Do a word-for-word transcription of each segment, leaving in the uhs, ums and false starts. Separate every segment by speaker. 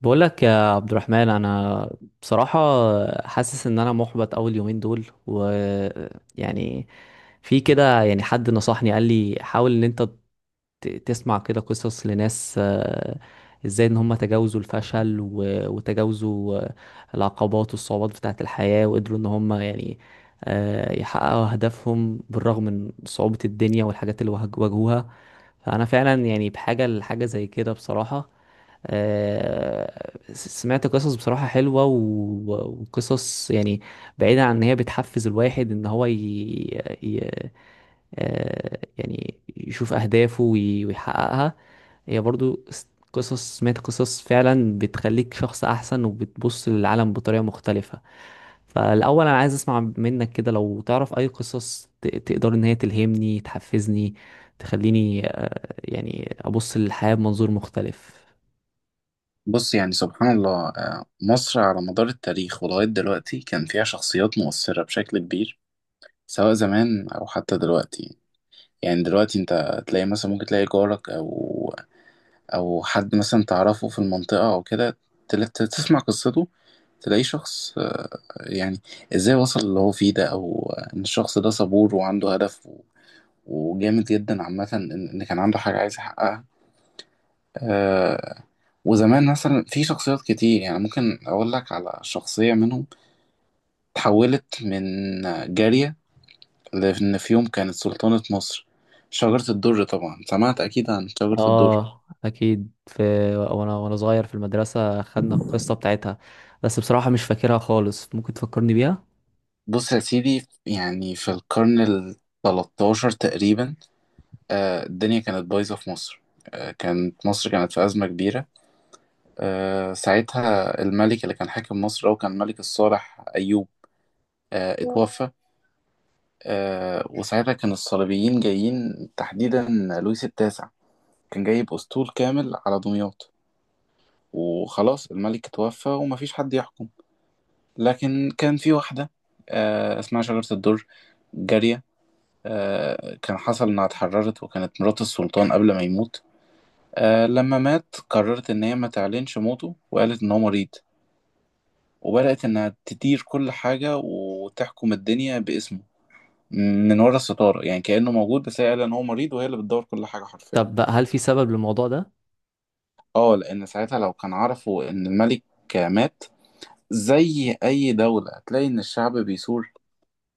Speaker 1: بقول لك يا عبد الرحمن، انا بصراحة حاسس ان انا محبط اول يومين دول. و يعني في كده. يعني حد نصحني قال لي حاول ان انت ت- تسمع كده قصص لناس، آه، ازاي ان هم تجاوزوا الفشل و- وتجاوزوا آه، العقبات والصعوبات بتاعة الحياة، وقدروا ان هم يعني آه، يحققوا اهدافهم بالرغم من صعوبة الدنيا والحاجات اللي واجه- واجهوها. فانا فعلا يعني بحاجه لحاجه زي كده بصراحه. آه، سمعت قصص بصراحة حلوة و- وقصص يعني بعيدة، عن ان هي بتحفز الواحد ان هو ي... ي... آه، يعني يشوف أهدافه وي- ويحققها. هي برضو س- قصص. سمعت قصص فعلا بتخليك شخص أحسن وبتبص للعالم بطريقة مختلفة. فالأول أنا عايز أسمع منك كده، لو تعرف أي قصص ت- تقدر إن هي تلهمني، تحفزني، تخليني آه، يعني أبص للحياة بمنظور مختلف.
Speaker 2: بص، يعني سبحان الله، آه، مصر على مدار التاريخ ولغاية دلوقتي كان فيها شخصيات مؤثرة بشكل كبير. سواء زمان أو حتى دلوقتي. يعني دلوقتي أنت تلاقي مثلا، ممكن تلاقي جارك أو أو حد مثلا تعرفه في المنطقة أو كده. تل- ت- تسمع قصته. تلاقي شخص، آه، يعني إزاي وصل اللي هو فيه ده، أو آه، إن الشخص ده صبور وعنده هدف و- وجامد جدا. عامة، إن إن كان عنده حاجة عايز يحققها آه وزمان مثلا في شخصيات كتير، يعني ممكن أقول لك على شخصية منهم تحولت من جارية، لأن في يوم كانت سلطانة مصر. شجرة الدر، طبعا سمعت أكيد عن شجرة الدر.
Speaker 1: آه أكيد في. وأنا وأنا صغير في المدرسة خدنا القصة بتاعتها، بس بصراحة مش فاكرها خالص، ممكن تفكرني بيها؟
Speaker 2: بص يا سيدي، يعني في القرن ال ثالث عشر تقريبا. آه الدنيا كانت بايظة في مصر. آه كانت مصر كانت في أزمة كبيرة. آه ساعتها الملك اللي كان حاكم مصر، هو كان الملك الصالح أيوب. آه اتوفى. آه وساعتها كان الصليبيين جايين، تحديدا لويس التاسع. كان جايب أسطول كامل على دمياط. وخلاص، الملك توفى ومفيش حد يحكم. لكن كان في واحدة، آه اسمها شجرة الدر. جارية، آه كان حصل إنها اتحررت، وكانت مرات السلطان قبل ما يموت. آه لما مات، قررت إن هي ما تعلنش موته، وقالت إن هو مريض. وبدأت إنها تدير كل حاجة وتحكم الدنيا باسمه، من ورا الستارة. يعني كأنه موجود، بس هي قال إن هو مريض، وهي اللي بتدور كل حاجة حرفيا.
Speaker 1: طب بقى، هل في سبب للموضوع ده؟
Speaker 2: اه، لأن ساعتها لو كان عرفوا إن الملك مات، زي أي دولة هتلاقي إن الشعب بيثور.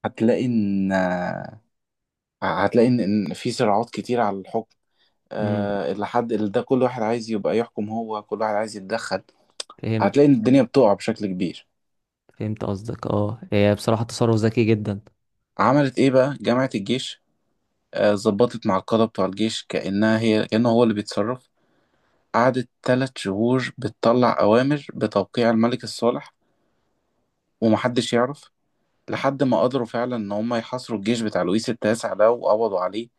Speaker 2: هتلاقي إن هتلاقي إن إن في صراعات كتير على الحكم.
Speaker 1: امم
Speaker 2: آه، اللي حد اللي ده، كل واحد عايز يبقى يحكم، هو كل واحد عايز يتدخل.
Speaker 1: فهمت.
Speaker 2: هتلاقي إن الدنيا بتقع بشكل كبير.
Speaker 1: فهمت قصدك، اه هي بصراحة تصرف ذكي جدا.
Speaker 2: عملت إيه بقى؟ جامعة الجيش. آه، ظبطت مع القادة بتوع الجيش، كأنها هي كأنه هو اللي بيتصرف. قعدت تلات شهور بتطلع أوامر بتوقيع الملك الصالح، ومحدش يعرف. لحد ما قدروا فعلا إن هم يحاصروا الجيش بتاع لويس التاسع ده، وقبضوا عليه.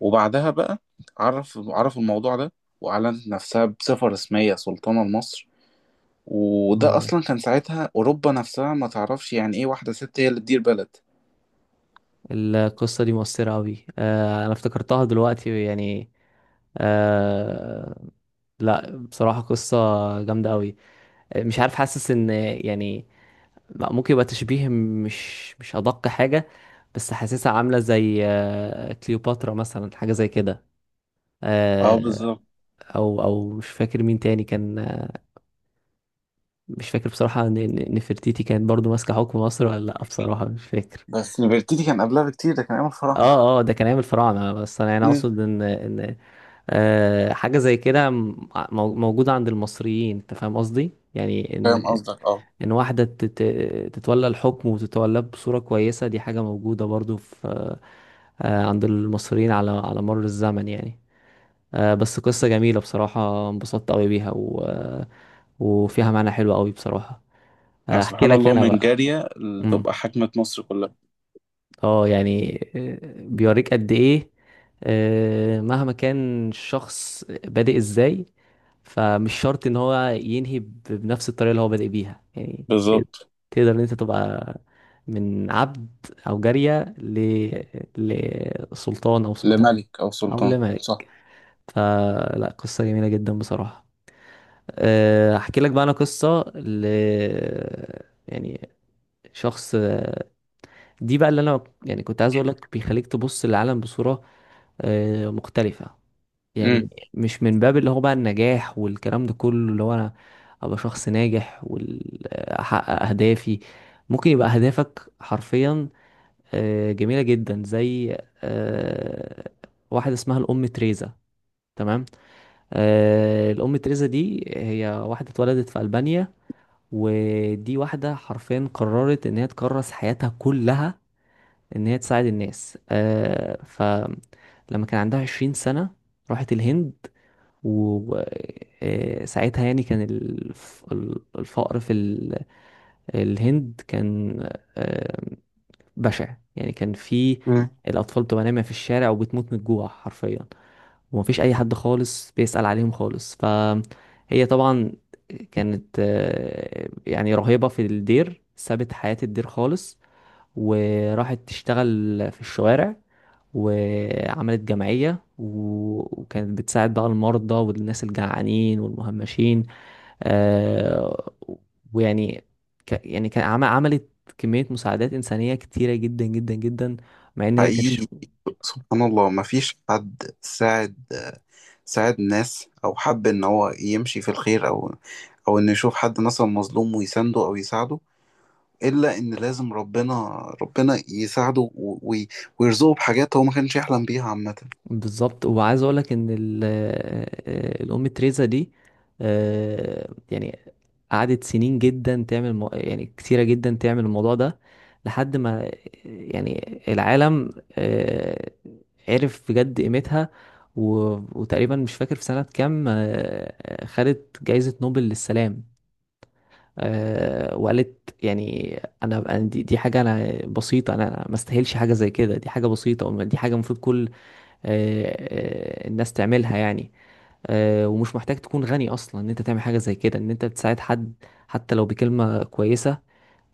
Speaker 2: وبعدها بقى عرف عرفوا الموضوع ده. وأعلنت نفسها بصفة رسمية سلطانة لمصر. وده
Speaker 1: اه
Speaker 2: أصلا كان ساعتها أوروبا نفسها ما تعرفش يعني إيه واحدة ست هي اللي تدير بلد.
Speaker 1: القصة دي مؤثرة أوي، آه أنا افتكرتها دلوقتي يعني. آه، لا بصراحة قصة جامدة أوي. آه، مش عارف، حاسس إن يعني ممكن يبقى تشبيه مش مش أدق حاجة، بس حاسسها عاملة زي آه كليوباترا مثلا، حاجة زي كده
Speaker 2: اه،
Speaker 1: آه.
Speaker 2: بالظبط.
Speaker 1: أو أو مش فاكر مين تاني كان. مش فاكر بصراحة، ن- ن- نفرتيتي كانت برضو ماسكة حكم مصر ولا لأ، بصراحة مش فاكر.
Speaker 2: بس البرتيتي كان قبلها بكتير، ده كان أيام الفراعنة.
Speaker 1: اه اه، ده كان ايام الفراعنة، بس انا يعني
Speaker 2: أمم.
Speaker 1: اقصد ان ان آه حاجة زي كده م- مو- موجودة عند المصريين، انت فاهم قصدي؟ يعني
Speaker 2: فاهم
Speaker 1: ان
Speaker 2: قصدك، اه.
Speaker 1: ان واحدة تت- تتولى الحكم وتتولاه بصورة كويسة، دي حاجة موجودة برضو في آه عند المصريين، على على مر الزمن يعني. آه بس قصة جميلة بصراحة، انبسطت قوي بيها و... وفيها معنى حلو قوي بصراحة. آه،
Speaker 2: يعني
Speaker 1: احكي
Speaker 2: سبحان
Speaker 1: لك
Speaker 2: الله،
Speaker 1: انا
Speaker 2: من
Speaker 1: بقى.
Speaker 2: جارية
Speaker 1: مم.
Speaker 2: تبقى حاكمة مصر كلها.
Speaker 1: اه يعني، آه، بيوريك قد ايه آه، مهما كان الشخص بادئ ازاي، فمش شرط ان هو ينهي ب- بنفس الطريقة اللي هو بادئ بيها، يعني ت-
Speaker 2: بالظبط.
Speaker 1: تقدر ان انت تبقى من عبد او جارية ل... لسلطان او سلطانة
Speaker 2: لملك أو
Speaker 1: او
Speaker 2: سلطان، صح.
Speaker 1: لملك. فلا، قصة جميلة جدا بصراحة. آه، احكي لك بقى انا قصة ل يعني شخص. دي بقى اللي انا يعني كنت عايز اقول لك بيخليك تبص للعالم بصورة آه، مختلفة.
Speaker 2: امم.
Speaker 1: يعني مش من باب اللي هو بقى النجاح والكلام ده كله، اللي هو انا ابقى شخص ناجح واحقق اهدافي. ممكن يبقى اهدافك حرفيا آه، جميلة جدا، زي آه، واحد اسمها الام تريزا. تمام. آه، الام تريزا دي هي واحدة اتولدت في ألبانيا، ودي واحدة حرفيا قررت ان هي تكرس حياتها كلها ان هي تساعد الناس آه. فلما كان عندها عشرين سنة راحت الهند. وساعتها يعني كان الف- الفقر في ال- الهند كان آه، بشع. يعني كان في
Speaker 2: مم.
Speaker 1: الأطفال بتبقى نايمة في الشارع وبتموت من الجوع حرفيا، ومفيش أي حد خالص بيسأل عليهم خالص. فهي طبعا كانت آه، يعني رهيبة في الدير، سابت حياة الدير خالص وراحت تشتغل في الشوارع، وعملت جمعية و- وكانت بتساعد بقى المرضى والناس الجعانين والمهمشين آه، ويعني ك- يعني كان عم- عملت كمية مساعدات إنسانية كتيرة جدا جدا جدا، مع إن هي ما كانش.
Speaker 2: حقيقي، سبحان الله، مفيش حد ساعد ساعد ناس، او حب ان هو يمشي في الخير، او او ان يشوف حد مثلا مظلوم ويسنده او يساعده، الا ان لازم ربنا، ربنا يساعده و- وي- ويرزقه بحاجات هو ما كانش يحلم بيها عامة.
Speaker 1: بالظبط. وعايز أقولك إن ال- آه، آه، الأم تريزا دي آه، يعني قعدت سنين جدا تعمل مو... يعني كتيرة جدا تعمل الموضوع ده، لحد ما يعني العالم آه، عرف بجد قيمتها و... وتقريبا مش فاكر في سنة كام، آه، آه، خدت جايزة نوبل للسلام. آه، وقالت يعني انا، أنا دي, دي حاجه انا بسيطه، انا ما استاهلش حاجه زي كده، دي حاجه بسيطه وما- دي حاجه المفروض كل آه، آه، الناس تعملها يعني. آه، ومش محتاج تكون غني اصلا ان انت تعمل حاجه زي كده، ان انت بتساعد حد حتى لو بكلمه كويسه.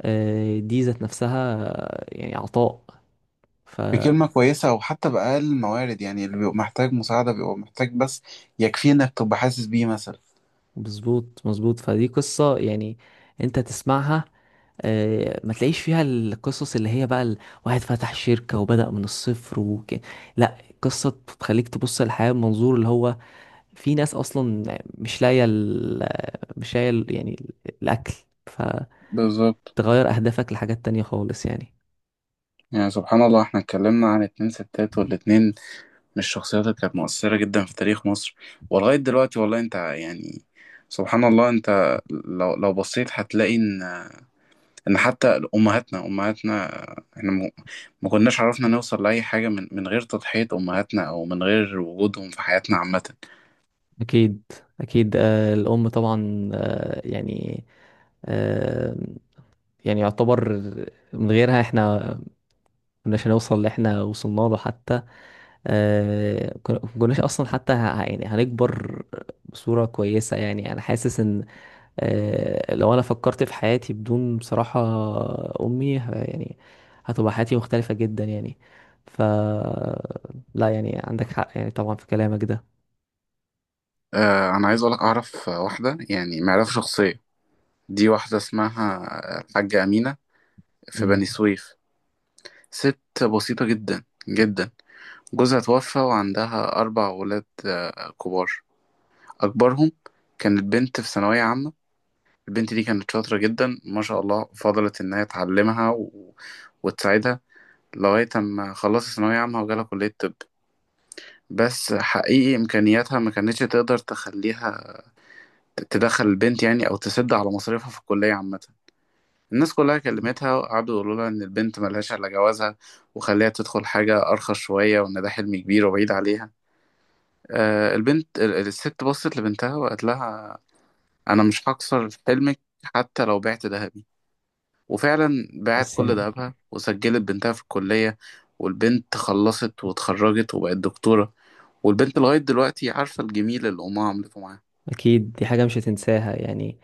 Speaker 1: آه، دي ذات نفسها آه، يعني عطاء. فمظبوط.
Speaker 2: بكلمة كويسة، او حتى بأقل الموارد. يعني اللي بيبقى محتاج مساعدة، بيبقى محتاج بس يكفيه انك تبقى حاسس بيه مثلا.
Speaker 1: مظبوط مظبوط. فدي قصه يعني انت تسمعها، آه، ما تلاقيش فيها القصص اللي هي بقى ال- واحد فتح شركه وبدأ من الصفر وك... لا، قصه بتخليك تبص للحياه بمنظور اللي هو في ناس اصلا مش لاقيه ال- مش لاقيه ال- يعني الاكل. فتغير
Speaker 2: بالظبط.
Speaker 1: اهدافك لحاجات تانية خالص يعني.
Speaker 2: يعني سبحان الله، احنا اتكلمنا عن اتنين ستات، والاتنين مش الشخصيات اللي كانت مؤثرة جدا في تاريخ مصر ولغاية دلوقتي. والله انت، يعني سبحان الله، انت لو لو بصيت هتلاقي ان ان حتى امهاتنا، امهاتنا احنا م- ما كناش عرفنا نوصل لاي حاجة من من غير تضحية امهاتنا، او من غير وجودهم في حياتنا عامة.
Speaker 1: أكيد أكيد، آه، الأم طبعا، آه، يعني آه، يعني يعتبر من غيرها احنا مكناش هنوصل اللي احنا وصلنا له. حتى آه، كنا- مكناش أصلا، حتى ه- يعني هنكبر بصورة كويسة. يعني أنا حاسس إن آه، لو أنا فكرت في حياتي بدون بصراحة أمي، ه- يعني هتبقى حياتي مختلفة جدا يعني. ف لا، يعني عندك حق يعني، طبعا، في كلامك ده.
Speaker 2: اه، انا عايز اقولك، اعرف واحدة يعني معرفة شخصية. دي واحدة اسمها الحاجة أمينة، في
Speaker 1: مم.
Speaker 2: بني سويف. ست بسيطة جدا جدا. جوزها توفى وعندها أربع ولاد آه، كبار. أكبرهم كانت بنت في ثانوية عامة. البنت دي كانت شاطرة جدا ما شاء الله. فضلت إن هي تعلمها و... وتساعدها لغاية أما خلصت ثانوية عامة وجالها كلية طب. بس حقيقي إمكانياتها ما كانتش تقدر تخليها ت- تدخل البنت، يعني، أو تسد على مصاريفها في الكلية عامة. الناس كلها كلمتها، وقعدوا يقولوا لها إن البنت ملهاش إلا جوازها، وخليها تدخل حاجة أرخص شوية، وإن ده حلم كبير وبعيد عليها. آه، البنت ال- الست بصت لبنتها وقالت لها: انا مش هكسر حلمك حتى لو بعت ذهبي. وفعلا باعت كل
Speaker 1: السلام.
Speaker 2: ذهبها وسجلت بنتها في الكلية. والبنت خلصت واتخرجت وبقت دكتورة. والبنت لغاية دلوقتي عارفة الجميل اللي أمها عملته معاها.
Speaker 1: أكيد دي حاجة مش هتنساها يعني.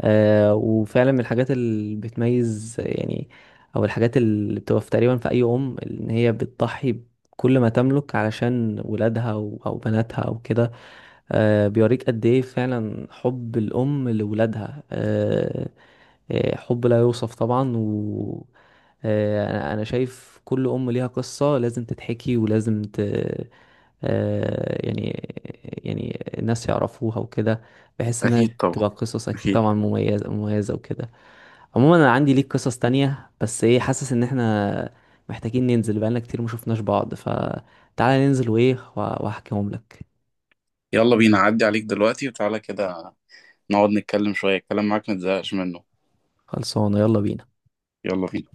Speaker 1: آه وفعلا من الحاجات اللي بتميز يعني، أو الحاجات اللي بتبقى في تقريبا في أي أم، إن هي بتضحي بكل ما تملك علشان ولادها أو أو بناتها أو كده. آه بيوريك قد إيه فعلا حب الأم لولادها. آه آه، حب لا يوصف طبعا. و آه، انا أنا شايف كل ام ليها قصة لازم تتحكي ولازم ت... آه، يعني يعني الناس يعرفوها وكده. بحس انها
Speaker 2: أكيد طبعا.
Speaker 1: بتبقى قصص اكيد
Speaker 2: أكيد.
Speaker 1: طبعا مميزة مميزة وكده. عموما انا عندي ليك قصص تانية، بس ايه حاسس ان احنا محتاجين ننزل، بقالنا كتير مشوفناش بعض، فتعالى ننزل وايه وأ- واحكيهم لك.
Speaker 2: يلا بينا، عدي عليك دلوقتي وتعالى كده نقعد نتكلم شوية، الكلام معاك متزهقش منه.
Speaker 1: خلصانة، يلا بينا.
Speaker 2: يلا بينا.